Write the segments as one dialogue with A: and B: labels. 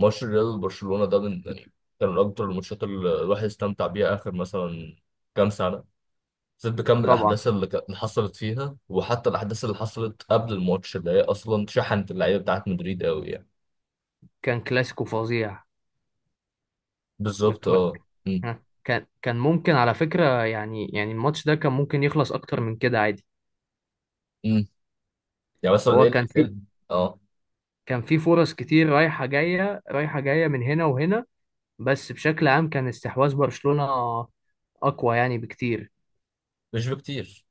A: ماتش الريال وبرشلونة ده من يعني كان من أكتر الماتشات اللي الواحد استمتع بيها آخر مثلا كام سنة. زاد بكم
B: طبعا،
A: الأحداث اللي حصلت فيها، وحتى الأحداث اللي حصلت قبل الماتش اللي هي أصلا شحنت اللعيبة بتاعت مدريد أوي يعني.
B: كان كلاسيكو فظيع. م-
A: بالظبط.
B: م-
A: أه. أمم.
B: ها، كان ممكن على فكرة، يعني الماتش ده كان ممكن يخلص أكتر من كده عادي.
A: أمم. يعني مثلا
B: هو
A: إيه إيه أه.
B: كان في فرص كتير، رايحة جاية رايحة جاية من هنا وهنا. بس بشكل عام كان استحواذ برشلونة أقوى يعني بكتير.
A: مش بكتير،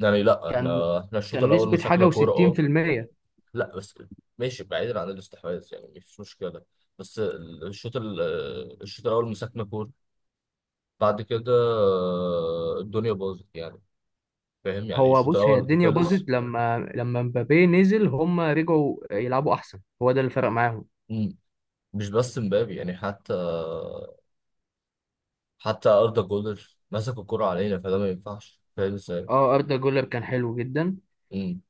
A: يعني. لا،
B: كان
A: إحنا الشوط
B: كان
A: الأول
B: نسبة حاجة
A: مسكنا كورة.
B: وستين
A: أه.
B: في المية.
A: لا بس، ماشي، بعيدا عن الاستحواذ، يعني مفيش مشكلة. بس الشوط الأول مسكنا كورة. بعد كده الدنيا باظت يعني. فاهم؟ يعني
B: هو
A: الشوط
B: بص، هي
A: الاول
B: الدنيا باظت
A: خلص.
B: لما مبابي نزل، هم رجعوا يلعبوا أحسن، هو ده اللي فرق معاهم.
A: مم. مش بس مبابي يعني، حتى اردا جولر مسك الكرة علينا، فده ما ينفعش، فاهم ازاي؟
B: اه، أردا جولر كان حلو جدا.
A: مم.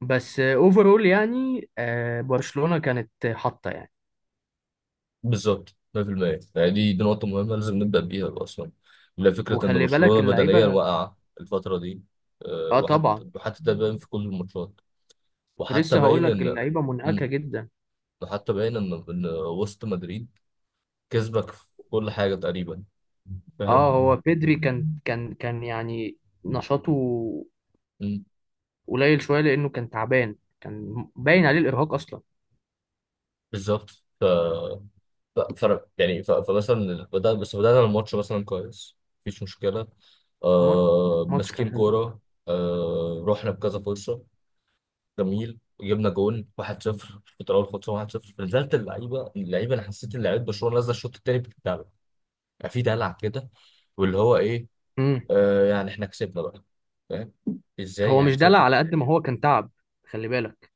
B: بس اوفرول يعني، برشلونة كانت حاطة يعني.
A: بالظبط. 100%. يعني دي نقطة مهمة لازم نبدأ بيها أصلا. لا، فكرة إن
B: وخلي بالك
A: برشلونة بدنيا
B: اللعيبة.
A: واقعة الفترة دي.
B: اه
A: وحتى
B: طبعا،
A: وحتى ده باين في كل الماتشات.
B: كنت
A: وحتى
B: لسه هقول
A: باين
B: لك
A: إن.
B: اللعيبة منهكة
A: مم.
B: جدا.
A: وحتى باين إن وسط مدريد كسبك في كل حاجة تقريبا، فاهم.
B: اه، هو بيدري كان يعني نشاطه قليل شوية، لأنه كان تعبان، كان باين عليه الإرهاق أصلا.
A: بالظبط. ف... ف... فمثلا بدأنا الماتش مثلا كويس، مفيش مشكلة.
B: ماتش ماتش كان
A: ماسكين
B: حلو.
A: كورة. رحنا بكذا فرصة، جميل، جبنا جون 1-0. الفترة الأولى خلصنا 1-0. نزلت اللعيبة، أنا حسيت إن لعيبة برشلونة نازلة الشوط التاني بتدلع، يعني في دلع كده واللي هو إيه.
B: امم.
A: يعني إحنا كسبنا بقى، فاهم إزاي
B: هو
A: يعني
B: مش دلع
A: كسبت.
B: على قد ما هو كان تعب، خلي بالك.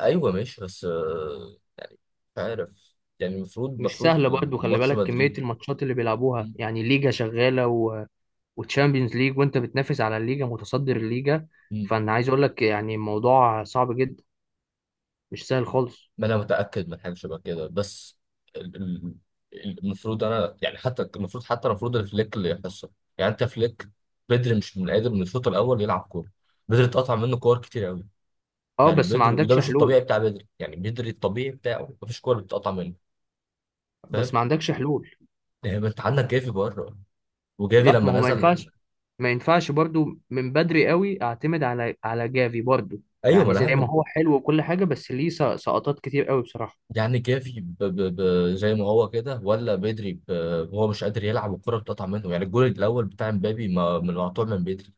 A: أيوه ماشي، بس مش عارف يعني،
B: مش
A: المفروض
B: سهلة برضه، خلي
A: ماتش
B: بالك كمية
A: مدريد.
B: الماتشات اللي بيلعبوها، يعني ليجا شغالة وتشامبيونز ليج، وانت بتنافس على الليجا، متصدر الليجا.
A: مم.
B: فانا عايز اقول لك يعني الموضوع صعب جدا، مش سهل خالص.
A: ما انا متاكد من حاجه شبه كده، بس ال- ال- المفروض انا، يعني حتى المفروض الفليك اللي يحصل. يعني انت فليك بدري مش قادر من الشوط الاول يلعب كوره. بدري اتقطع منه كور كتير قوي
B: اه،
A: يعني.
B: بس ما
A: بدري، وده
B: عندكش
A: مش الطبيعي
B: حلول.
A: بتاع بدري، يعني بدري الطبيعي بتاعه مفيش كوره بتتقطع منه، فاهم.
B: بس ما عندكش حلول.
A: يعني ما انت عندك جافي بره، وجافي
B: لا،
A: لما
B: ما هو ما
A: نزل.
B: ينفعش. ما ينفعش برضو من بدري قوي اعتمد على جافي برضو.
A: ايوه، ما
B: يعني
A: انا
B: زي ما
A: هعمل.
B: هو حلو وكل حاجة، بس ليه سقطات كتير قوي بصراحة.
A: يعني جافي زي ما هو كده، ولا بدري هو مش قادر يلعب والكوره بتقطع منه، يعني الجول الاول بتاع مبابي ما... من مقطوع من بدري.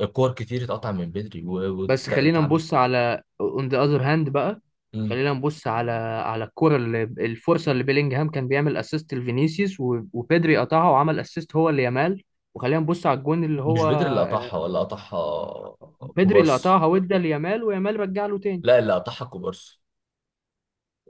A: الكور كتير اتقطع من بدري
B: بس خلينا
A: وتعب.
B: نبص على اون ذا اذر هاند بقى. خلينا نبص على الكرة اللي الفرصة اللي بيلينجهام كان بيعمل اسيست لفينيسيوس، وبيدري قطعها وعمل اسيست هو ليامال. وخلينا نبص على الجون اللي
A: مش
B: هو
A: بدري اللي قطعها، ولا قطعها
B: بيدري اللي
A: كوبارسي؟
B: قطعها وادى ليامال، ويامال رجع له تاني.
A: لا، اللي قطعها كوبارسي.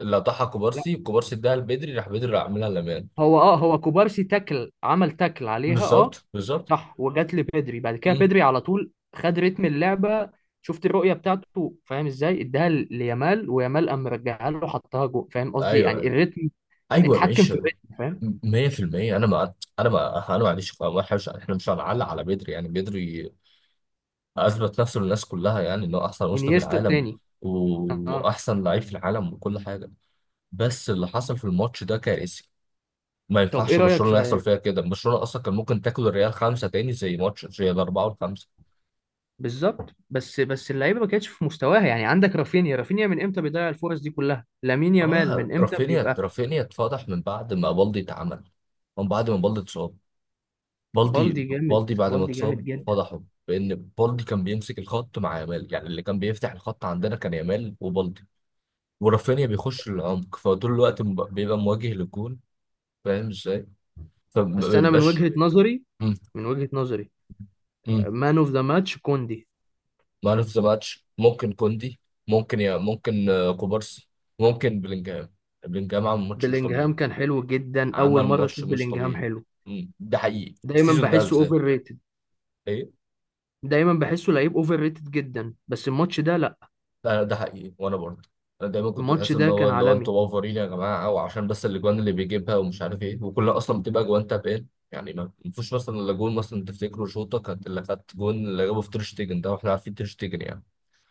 A: اللي قطعها
B: لا،
A: كوبارسي كوبارسي اداها لبدري، راح بدري راح عاملها لمان.
B: هو كوبارسي، عمل تاكل عليها، اه.
A: بالظبط، بالظبط.
B: صح، وجات لبيدري، بعد كده
A: مم.
B: بيدري على طول خد رتم اللعبة. شفت الرؤية بتاعته، فاهم ازاي؟ اداها ليامال، ويامال قام رجعها له، حطها جوه، فاهم قصدي؟
A: ايوه،
B: يعني
A: ايوه.
B: الريتم.
A: ايوه،
B: اتحكم في
A: ماشي.
B: الريتم، فاهم؟
A: 100%. انا ما عنديش، ما إحنا مش احنا مش هنعلق على بدري، يعني بدري اثبت نفسه للناس كلها، يعني انه احسن وسط في
B: انيستا
A: العالم
B: التاني.
A: و-
B: اه.
A: واحسن لعيب في العالم وكل حاجه. بس اللي حصل في الماتش ده كارثي. ما
B: طب ايه
A: ينفعش
B: رايك في؟
A: برشلونه يحصل فيها كده، برشلونه اصلا كان ممكن تاكل الريال خمسه تاني، زي ماتش زي الاربعه والخمسه.
B: بالظبط. بس اللعيبه ما كانتش في مستواها. يعني عندك رافينيا، رافينيا من امتى بيضيع الفرص دي كلها؟ لامين يامال
A: اه،
B: من امتى بيبقى؟
A: رافينيا اتفضح من بعد ما بالدي اتصاب. بالدي
B: بالدي جامد.
A: بالدي بعد ما
B: بالدي
A: اتصاب
B: جامد جدا.
A: فضحه، بان بالدي كان بيمسك الخط مع يامال، يعني اللي كان بيفتح الخط عندنا كان يامال وبالدي. ورافينيا بيخش العمق، فطول الوقت بيبقى مواجه للجون، فاهم ازاي؟ فما
B: بس انا من
A: بيبقاش.
B: وجهه نظري.
A: إمم.
B: من وجهه نظري،
A: إمم.
B: مان اوف ذا ماتش كوندي.
A: مان اوف ذا ماتش ممكن كوندي. ممكن كوبارسي. ممكن بلينجهام. بلينجهام عمل ماتش مش
B: بلينجهام
A: طبيعي.
B: كان حلو جدا، اول
A: عمل
B: مره
A: ماتش
B: اشوف
A: مش
B: بلينجهام
A: طبيعي.
B: حلو.
A: مم. ده حقيقي
B: دايما
A: السيزون ده
B: بحسه
A: بالذات.
B: اوفر ريتد.
A: ايه.
B: دايما بحسه لعيب اوفر ريتد جدا، بس الماتش ده لا.
A: ده حقيقي. وانا برضه انا دايما كنت
B: الماتش
A: بحس ان
B: ده كان
A: هو
B: عالمي.
A: انتوا اوفرين يا جماعه، او عشان بس الاجوان اللي بيجيبها ومش عارف ايه، وكلها اصلا بتبقى اجوان تابين، يعني ما فيش مثلا الا جون مثلا، تفتكروا شوطه كانت اللي كانت جون اللي جابه في تير شتيجن ده، واحنا عارفين تير شتيجن يعني.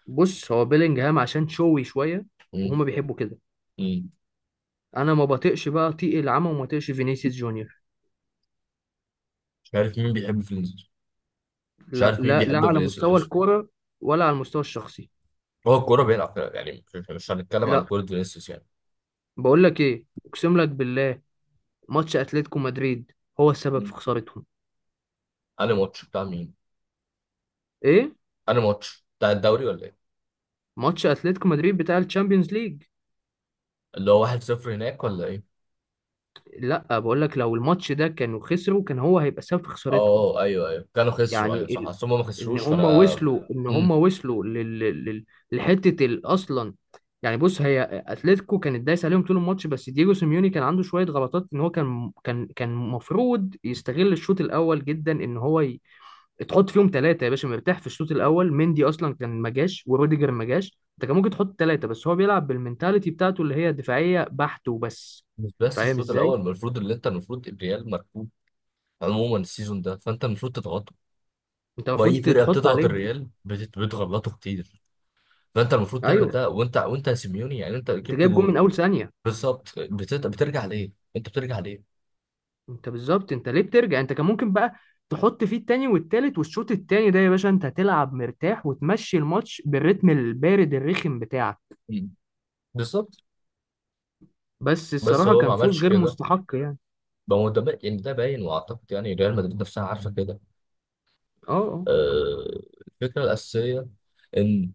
B: بص، هو بيلينجهام عشان شوي شويه،
A: مم.
B: وهما بيحبوا كده.
A: مم.
B: انا ما بطيقش بقى طيق العمى، وما بطيقش فينيسيوس جونيور.
A: مش عارف مين بيحب فينيسيوس. مش
B: لا
A: عارف مين
B: لا لا،
A: بيحب
B: على مستوى
A: فينيسيوس.
B: الكوره. ولا على المستوى الشخصي.
A: هو الكوره بيلعب فيها، يعني مش هنتكلم على
B: لا،
A: كوره فينيسيوس يعني.
B: بقول لك ايه، اقسم لك بالله، ماتش اتلتيكو مدريد هو السبب
A: مم.
B: في خسارتهم.
A: انا ماتش بتاع مين؟
B: ايه.
A: انا ماتش بتاع الدوري ولا ايه؟
B: ماتش اتلتيكو مدريد بتاع الشامبيونز ليج.
A: اللي هو 1-0 هناك ولا ايه؟
B: لا، بقول لك لو الماتش ده كانوا خسروا، كان هو هيبقى سبب في
A: اه.
B: خسارتهم.
A: آه. آه. ايوه، ايوه، كانوا خسروا. ايوه
B: يعني
A: صح،
B: ال...
A: اصل هم ما خسروش فانا.
B: ان هم
A: امم.
B: وصلوا لل... لحته اصلا. يعني بص، هي اتلتيكو كانت دايسه عليهم طول الماتش، بس دييجو سيميوني كان عنده شويه غلطات. ان هو كان المفروض يستغل الشوط الاول جدا، ان هو تحط فيهم ثلاثه يا باشا، مرتاح في الشوط الاول. مندي اصلا كان ما جاش، وروديجر ما جاش، انت كان ممكن تحط ثلاثه. بس هو بيلعب بالمنتاليتي بتاعته اللي هي دفاعيه بحت وبس،
A: مش بس
B: فاهم
A: الشوط
B: ازاي؟
A: الاول المفروض، اللي انت المفروض الريال مركوب عموما السيزون ده، فانت المفروض تضغطه.
B: انت
A: واي
B: المفروض
A: فرقه
B: تحط
A: بتضغط
B: عليهم.
A: الريال بتغلطه كتير. فانت المفروض تعمل
B: ايوه.
A: ده، وانت يا سيميوني، يعني انت
B: انت
A: جبت
B: جايب جون
A: جون
B: من اول ثانيه،
A: بالظبط. بترجع ليه؟ انت بترجع ليه؟
B: انت بالظبط، انت ليه بترجع؟ انت كان ممكن بقى تحط فيه التاني والتالت، والشوط التاني ده يا باشا انت هتلعب مرتاح، وتمشي الماتش بالريتم البارد الرخم بتاعك.
A: مم. بالظبط.
B: بس
A: بس
B: الصراحة
A: هو ما
B: كان فوز
A: عملش
B: غير
A: كده.
B: مستحق يعني.
A: ما هو يعني ده باين، واعتقد يعني ريال مدريد نفسها عارفه كده.
B: اه،
A: آه، الفكره الاساسيه ان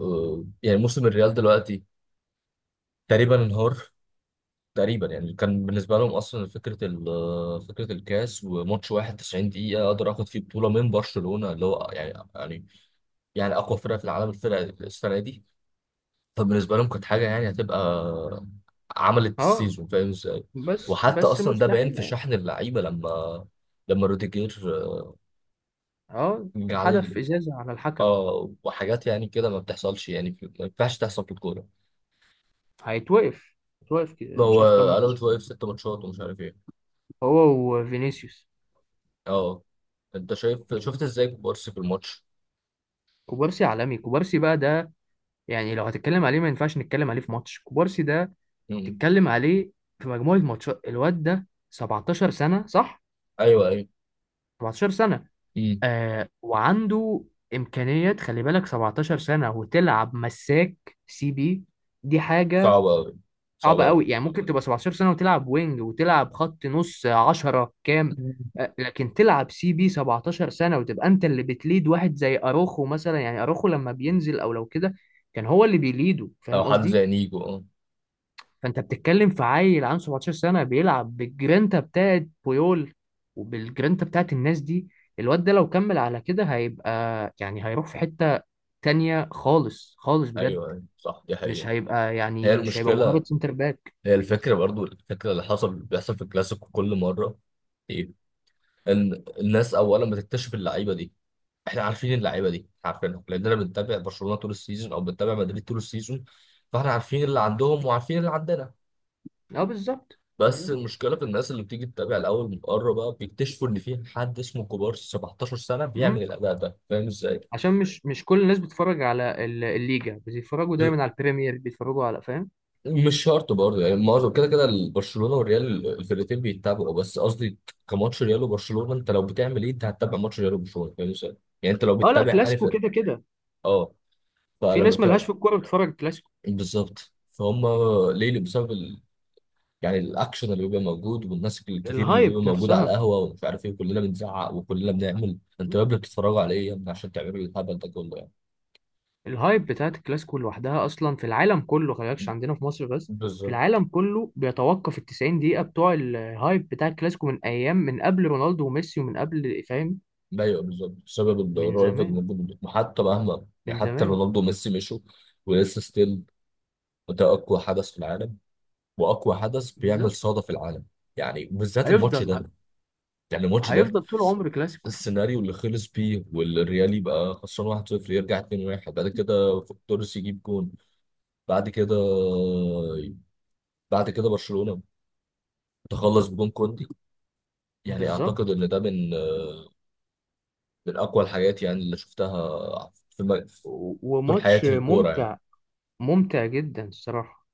A: يعني موسم الريال دلوقتي تقريبا انهار. تقريبا يعني كان بالنسبه لهم اصلا فكره ال- آه، فكره الكاس، وماتش واحد 90 دقيقه اقدر اخد فيه بطوله من برشلونه، اللي هو يعني، يعني يعني اقوى فرقه في العالم الفرقه السنه دي. فبالنسبه لهم كانت حاجه يعني هتبقى عملت
B: اه، اه.
A: السيزون، فاهم ازاي.
B: بس
A: وحتى
B: بس
A: اصلا ده باين
B: مستحيل
A: في
B: يعني.
A: شحن اللعيبه، لما روديجير
B: اه،
A: جه
B: ده
A: عليه،
B: حدف ازازة على الحكم.
A: اه، وحاجات يعني كده ما بتحصلش، يعني ما ينفعش تحصل في الكوره.
B: هيتوقف هيتوقف كده
A: ما
B: مش
A: هو
B: عارف كام
A: قلبت،
B: ماتش.
A: واقف ست ماتشات ومش عارف ايه.
B: هو وفينيسيوس.
A: اه. انت شايف شفت ازاي كوبارسي في الماتش.
B: كوبارسي عالمي. كوبارسي بقى ده، يعني لو هتتكلم عليه ما ينفعش نتكلم عليه في ماتش كوبارسي ده.
A: مم.
B: تتكلم عليه في مجموعة ماتشات. الواد ده 17 سنة، صح؟
A: ايوه، ايوه.
B: 17 سنة.
A: مم.
B: آه، وعنده إمكانيات. خلي بالك، 17 سنة وتلعب مساك سي بي، دي حاجة
A: صعب قوي، صعب
B: صعبة
A: قوي.
B: قوي. يعني ممكن تبقى 17 سنة وتلعب وينج، وتلعب خط نص 10 كام، لكن تلعب سي بي 17 سنة وتبقى أنت اللي بتليد واحد زي أروخو مثلا. يعني أروخو لما بينزل أو لو كده، كان هو اللي بيليده،
A: او
B: فاهم
A: حد
B: قصدي؟
A: زي نيجو، اه.
B: فانت بتتكلم في عيل عنده 17 سنه بيلعب بالجرينتا بتاعت بويول، وبالجرينتا بتاعت الناس دي. الواد ده لو كمل على كده هيبقى، يعني هيروح في حته تانية خالص خالص بجد.
A: ايوه، ايوه صح، دي حقيقه. هي
B: مش هيبقى
A: المشكله،
B: مجرد سنتر باك.
A: هي الفكره برضو، الفكره اللي حصل بيحصل في الكلاسيكو كل مره. ايه. ان الناس اولا بتكتشف اللعيبه دي، احنا عارفين اللعيبه دي، عارفينهم لاننا بنتابع برشلونه طول السيزون، او بنتابع مدريد طول السيزون. فاحنا عارفين اللي عندهم وعارفين اللي عندنا.
B: اه، بالظبط،
A: بس
B: بالظبط.
A: المشكله في الناس اللي بتيجي تتابع الاول من بره بقى، بيكتشفوا ان في حد اسمه كوبارسي 17 سنه بيعمل
B: امم.
A: الاداء ده، فاهم ازاي؟
B: عشان مش كل الناس بتتفرج على الليجا، بيتفرجوا دايما على البريمير، بيتفرجوا على، فاهم؟
A: مش شرط برضه، يعني معظم كده كده برشلونه والريال الفرقتين بيتابعوا، بس قصدي كماتش ريال وبرشلونه، انت لو بتعمل ايه انت هتتابع ماتش ريال وبرشلونه، فاهم ازاي؟ يعني انت لو
B: اه لا،
A: بتتابع انهي
B: كلاسيكو
A: فرقه.
B: كده كده.
A: اه.
B: في
A: فلما
B: ناس
A: فاهم،
B: ملهاش في الكوره بتتفرج كلاسيكو.
A: بالظبط، فهم ليه، بسبب يعني الاكشن اللي بيبقى موجود، والناس الكتير اللي بتبقى
B: الهايب
A: موجوده على
B: نفسها
A: القهوه ومش عارف ايه، كلنا بنزعق وكلنا بنعمل انتوا يا ابني بتتفرجوا على ايه يا ابني عشان تعملوا الهبل ده كله يعني.
B: الهايب بتاعت الكلاسيكو لوحدها اصلا في العالم كله، خلي بالك، مش عندنا في مصر بس، في
A: بالظبط.
B: العالم كله بيتوقف ال 90 دقيقة بتوع الهايب بتاع الكلاسيكو، من ايام من قبل رونالدو وميسي، ومن قبل، فاهم؟
A: ايوه، بالظبط، بسبب
B: من
A: الرأي اللي
B: زمان،
A: موجود، حتى مهما يعني،
B: من
A: حتى
B: زمان.
A: رونالدو وميسي مشوا ولسه ستيل ده اقوى حدث في العالم، واقوى حدث بيعمل
B: بالظبط.
A: صدى في العالم، يعني بالذات الماتش
B: هيفضل
A: ده. يعني الماتش ده
B: هيفضل طول عمر كلاسيكو.
A: السيناريو اللي خلص بيه، والريال يبقى خسران 1-0 يرجع 2-1، بعد كده توريس يجيب جون، بعد كده برشلونة تخلص بجون كوندي. يعني اعتقد
B: بالظبط.
A: ان ده من اقوى الحاجات، يعني اللي شفتها في في طول
B: وماتش
A: حياتي في الكورة يعني.
B: ممتع. ممتع جدا الصراحة.